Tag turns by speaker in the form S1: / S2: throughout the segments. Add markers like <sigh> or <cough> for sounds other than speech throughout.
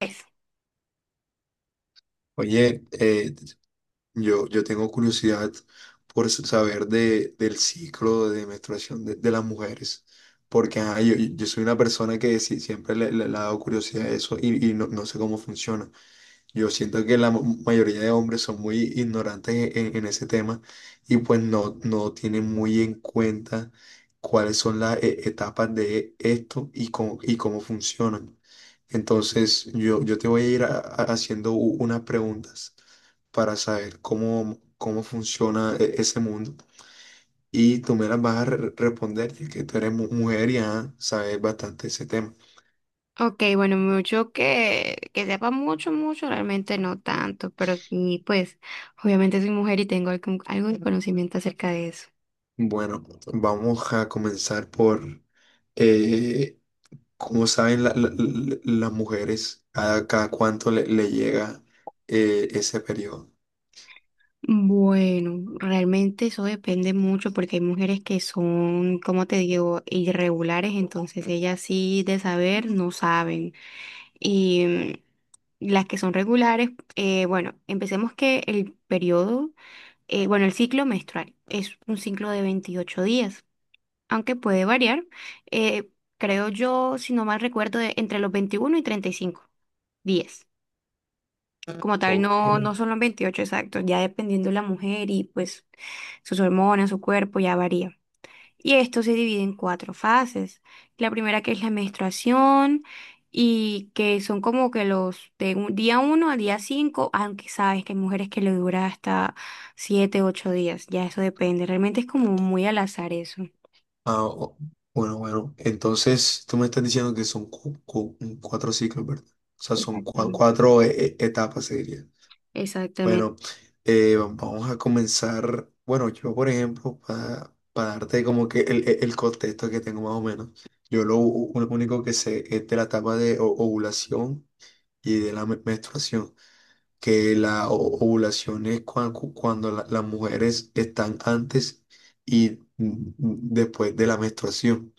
S1: Eso.
S2: Oye, yo tengo curiosidad por saber del ciclo de menstruación de las mujeres, porque ajá, yo soy una persona que siempre le ha dado curiosidad a eso y no sé cómo funciona. Yo siento que la mayoría de hombres son muy ignorantes en ese tema y pues no tienen muy en cuenta cuáles son las etapas de esto y cómo funcionan. Entonces, yo te voy a ir haciendo unas preguntas para saber cómo funciona ese mundo y tú me las vas a responder ya que tú eres mujer y ajá, sabes bastante ese tema.
S1: Ok, bueno, mucho que sepa mucho, mucho, realmente no tanto, pero sí, pues obviamente soy mujer y tengo algo de conocimiento acerca de eso.
S2: Bueno, vamos a comenzar. Eh, Como saben, las mujeres, cada cuánto le llega ese periodo?
S1: Bueno, realmente eso depende mucho porque hay mujeres que son, como te digo, irregulares, entonces ellas sí de saber no saben. Y mm, las que son regulares, bueno, empecemos que el periodo, bueno, el ciclo menstrual es un ciclo de 28 días, aunque puede variar, eh, creo yo, si no mal recuerdo, de entre los 21 y 35. 10. Como tal,
S2: Ok.
S1: no, no son los 28 exactos, ya dependiendo de la mujer y pues sus hormonas, su cuerpo, ya varía. Y esto se divide en cuatro fases. La primera, que es la menstruación, y que son como que los de día uno al día cinco, aunque sabes que hay mujeres que le dura hasta 7, 8 días, ya eso depende. Realmente es como muy al azar eso.
S2: Ah, bueno, bueno. Entonces, tú me estás diciendo que son cuatro ciclos, ¿verdad? O sea, son
S1: Exactamente.
S2: cuatro etapas, se diría.
S1: Exactamente.
S2: Bueno, vamos a comenzar. Bueno, yo, por ejemplo, darte como que el contexto que tengo más o menos, lo único que sé es de la etapa de ovulación y de la menstruación, que la ovulación es cuando las mujeres están antes y después de la menstruación.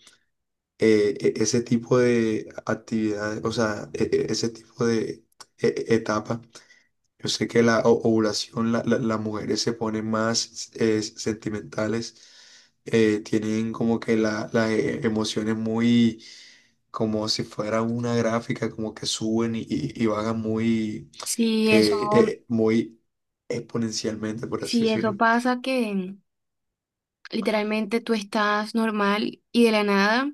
S2: E- ese tipo de actividades, o sea, ese tipo de etapa, yo sé que la ovulación, las mujeres se ponen más sentimentales, tienen como que las emociones muy, como si fuera una gráfica, como que suben y bajan muy
S1: si eso,
S2: eh, eh, muy exponencialmente, por así
S1: si eso
S2: decirlo.
S1: pasa, que literalmente tú estás normal y de la nada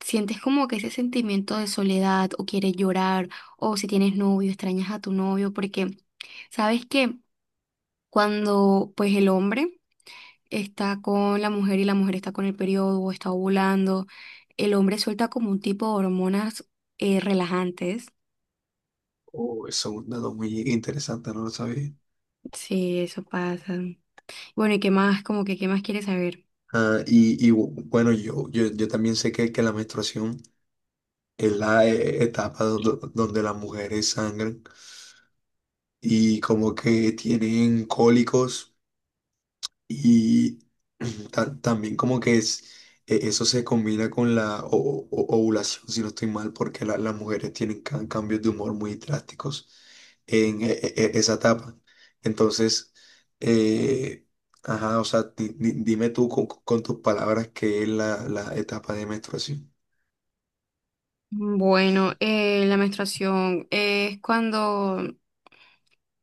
S1: sientes como que ese sentimiento de soledad o quieres llorar, o si tienes novio extrañas a tu novio, porque sabes que cuando pues el hombre está con la mujer y la mujer está con el periodo o está ovulando, el hombre suelta como un tipo de hormonas relajantes.
S2: Oh, eso es un dato muy interesante, no lo sabía.
S1: Sí, eso pasa. Bueno, ¿y qué más? Como que, ¿qué más quieres saber?
S2: Bueno, yo también sé que la menstruación es la etapa donde las mujeres sangran y como que tienen cólicos. Y <clears throat> también como que es. Eso se combina con la ovulación, si no estoy mal, porque las mujeres tienen cambios de humor muy drásticos en esa etapa. Entonces, eh, ajá, o sea, dime tú con tus palabras qué es la etapa de menstruación.
S1: Bueno, la menstruación es cuando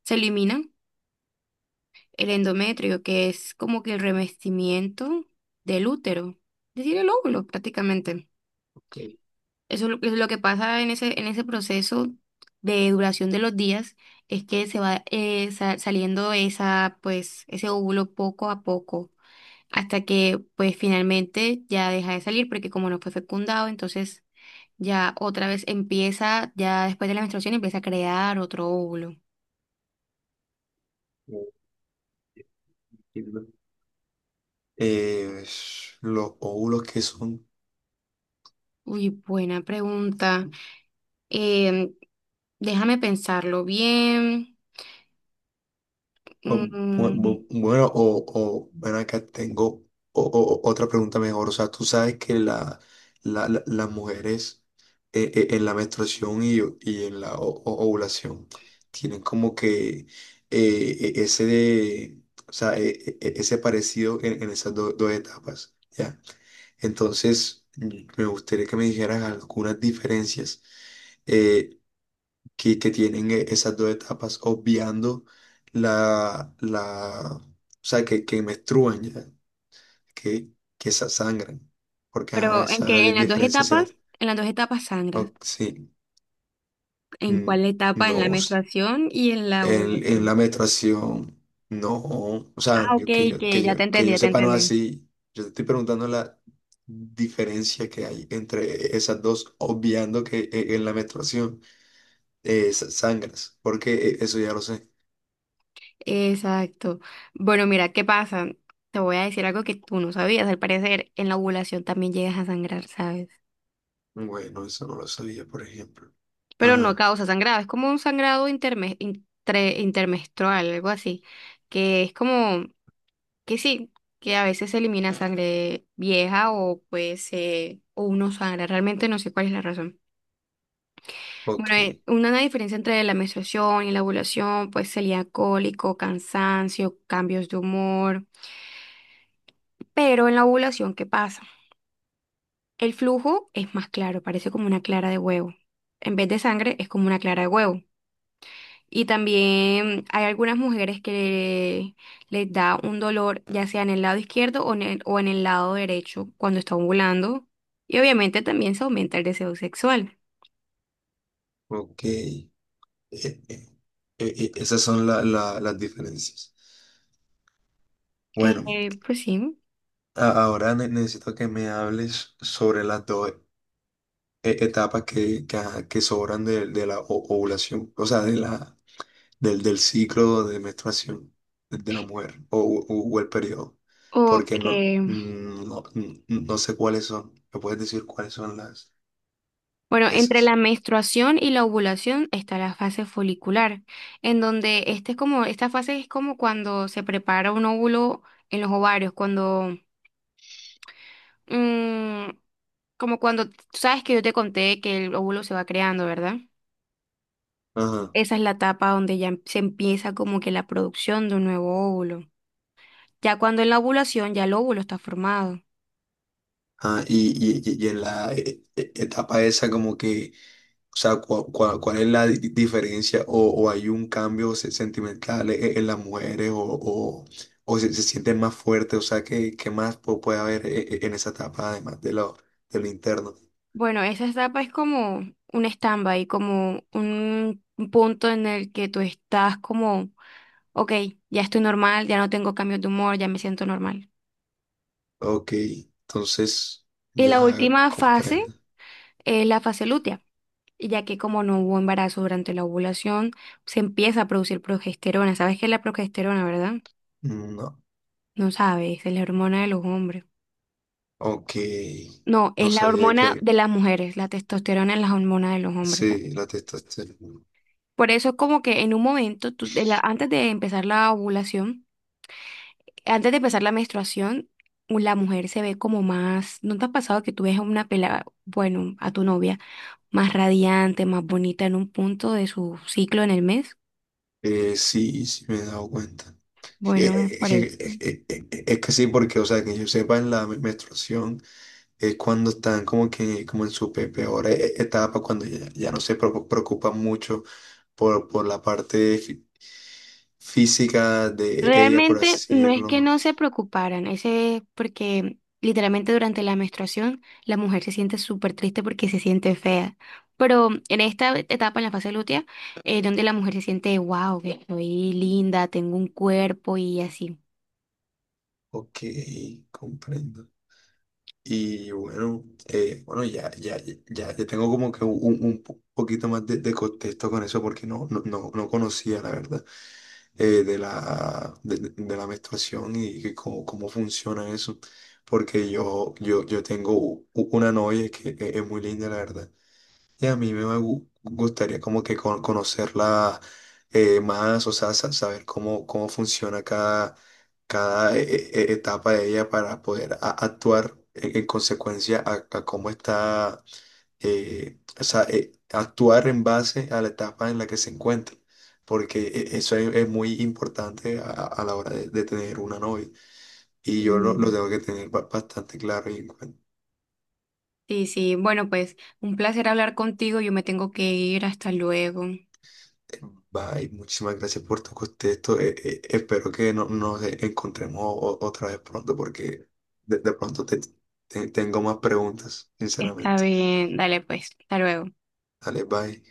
S1: se elimina el endometrio, que es como que el revestimiento del útero, es decir, el óvulo prácticamente.
S2: Ok,
S1: Eso es lo que pasa en ese proceso de duración de los días, es que se va saliendo esa, pues, ese óvulo poco a poco, hasta que pues finalmente ya deja de salir, porque como no fue fecundado, entonces ya otra vez empieza, ya después de la menstruación empieza a crear otro óvulo.
S2: entiendo. Eh, los óvulos que son.
S1: Uy, buena pregunta. Em, Déjame pensarlo bien.
S2: Pues, Bu-
S1: Mm,
S2: bu- Bueno, o ven acá, tengo otra pregunta mejor. O sea, tú sabes que las mujeres en la menstruación y en la ovulación tienen como que eh, eh, ese de, o sea, ese parecido en esas dos etapas, ¿ya? Entonces, me gustaría que me dijeras algunas diferencias eh, que tienen esas dos etapas, obviando o sea, que menstruan ya, que, que esa sangran, porque ajá,
S1: pero en
S2: esa
S1: que en las dos
S2: diferencia sí, la-
S1: etapas, en las dos etapas sangras.
S2: o- sí,
S1: ¿En
S2: mm,
S1: cuál etapa? En la
S2: no,
S1: menstruación y en la
S2: en la
S1: ovulación.
S2: menstruación, no, o sea,
S1: Ah, ok,
S2: yo- que yo,
S1: que
S2: que
S1: ya te
S2: yo, que
S1: entendí,
S2: yo
S1: ya te
S2: sepa no es
S1: entendí.
S2: así. Yo te estoy preguntando la diferencia que hay entre esas dos, obviando que en la menstruación sangras, porque eso ya lo sé.
S1: Exacto. Bueno, mira, ¿qué pasa? Te voy a decir algo que tú no sabías. Al parecer, en la ovulación también llegas a sangrar, ¿sabes?
S2: Bueno, eso no lo sabía, por ejemplo.
S1: Pero no
S2: Ah,
S1: causa sangrado, es como un sangrado intermenstrual, algo así, que es como que sí, que a veces se elimina sangre vieja o pues o uno sangra, realmente no sé cuál es la razón.
S2: ok,
S1: Bueno, una diferencia entre la menstruación y la ovulación, pues sería cólico, cansancio, cambios de humor, pero en la ovulación, ¿qué pasa? El flujo es más claro, parece como una clara de huevo. En vez de sangre, es como una clara de huevo. Y también hay algunas mujeres que les da un dolor, ya sea en el lado izquierdo o en el lado derecho, cuando está ovulando. Y obviamente también se aumenta el deseo sexual.
S2: ok. Eh, eh, Esas son las diferencias. Bueno,
S1: Pues sí.
S2: ahora necesito que me hables sobre las dos etapas ajá, que sobran de la ovulación, o sea, del ciclo de menstruación de la mujer o el periodo, porque
S1: Ok.
S2: no sé cuáles son. ¿Me puedes decir cuáles son las
S1: Bueno, entre
S2: esas?
S1: la menstruación y la ovulación está la fase folicular, en donde este es como, esta fase es como cuando se prepara un óvulo en los ovarios, cuando mm, como cuando tú sabes que yo te conté que el óvulo se va creando, ¿verdad?
S2: Ajá.
S1: Esa es la etapa donde ya se empieza como que la producción de un nuevo óvulo. Ya cuando en la ovulación ya el óvulo está formado.
S2: Y en la etapa esa como que, o sea, ¿cuál es la diferencia o hay un cambio sentimental en las mujeres o se sienten más fuertes? O sea, ¿qué más puede haber en esa etapa además de de lo interno?
S1: Bueno, esa etapa es como un stand-by, como un punto en el que tú estás como, ok, ya estoy normal, ya no tengo cambios de humor, ya me siento normal.
S2: Ok, entonces
S1: Y
S2: ya
S1: la última fase
S2: comprendo.
S1: es la fase lútea, y ya que como no hubo embarazo durante la ovulación, se empieza a producir progesterona. ¿Sabes qué es la progesterona, verdad?
S2: No,
S1: No sabes, es la hormona de los hombres.
S2: ok,
S1: No,
S2: no
S1: es la
S2: sabía
S1: hormona
S2: que
S1: de las mujeres, la testosterona es la hormona de los hombres.
S2: sí, la testosterona.
S1: Por eso es como que en un momento, antes de empezar la ovulación, antes de empezar la menstruación, u- la mujer se ve como más, ¿no te ha pasado que tú ves a una pelada, bueno, a tu novia, más radiante, más bonita en un punto de su ciclo en el mes?
S2: Sí, sí me he dado cuenta.
S1: Bueno, es
S2: Je-
S1: por eso.
S2: Es que sí, porque, o sea, que yo sepa, en la menstruación es cuando están como que, como en su peor etapa, cuando ya no se preocupan mucho por la parte física de ella, por
S1: Realmente
S2: así
S1: no es que
S2: decirlo.
S1: no se preocuparan, ese es porque literalmente durante la menstruación la mujer se siente súper triste porque se siente fea. Pero en esta etapa, en la fase lútea, es donde la mujer se siente, wow, que estoy linda, tengo un cuerpo y así.
S2: Ok, comprendo. Y bueno, ya tengo como que un poquito más de contexto con eso, porque no conocía, la verdad. De la menstruación y que cómo funciona eso. Porque yo tengo una novia que es muy linda, la verdad. Y a mí me gustaría como que conocerla más, o sea, saber cómo funciona cada etapa de ella para poder actuar en consecuencia a cómo está o sea, actuar en base a la etapa en la que se encuentra, porque eso es muy importante a la hora de tener una novia. Y yo lo
S1: Mm.
S2: tengo que tener bastante claro y en cuenta.
S1: Sí, sí. Bueno, pues un placer hablar contigo. Yo me tengo que ir. Hasta luego.
S2: Bye, muchísimas gracias por tu contexto. Espero que no, nos encontremos otra vez pronto, porque de pronto tengo más preguntas,
S1: Está
S2: sinceramente.
S1: bien, dale pues, hasta luego.
S2: Dale, bye.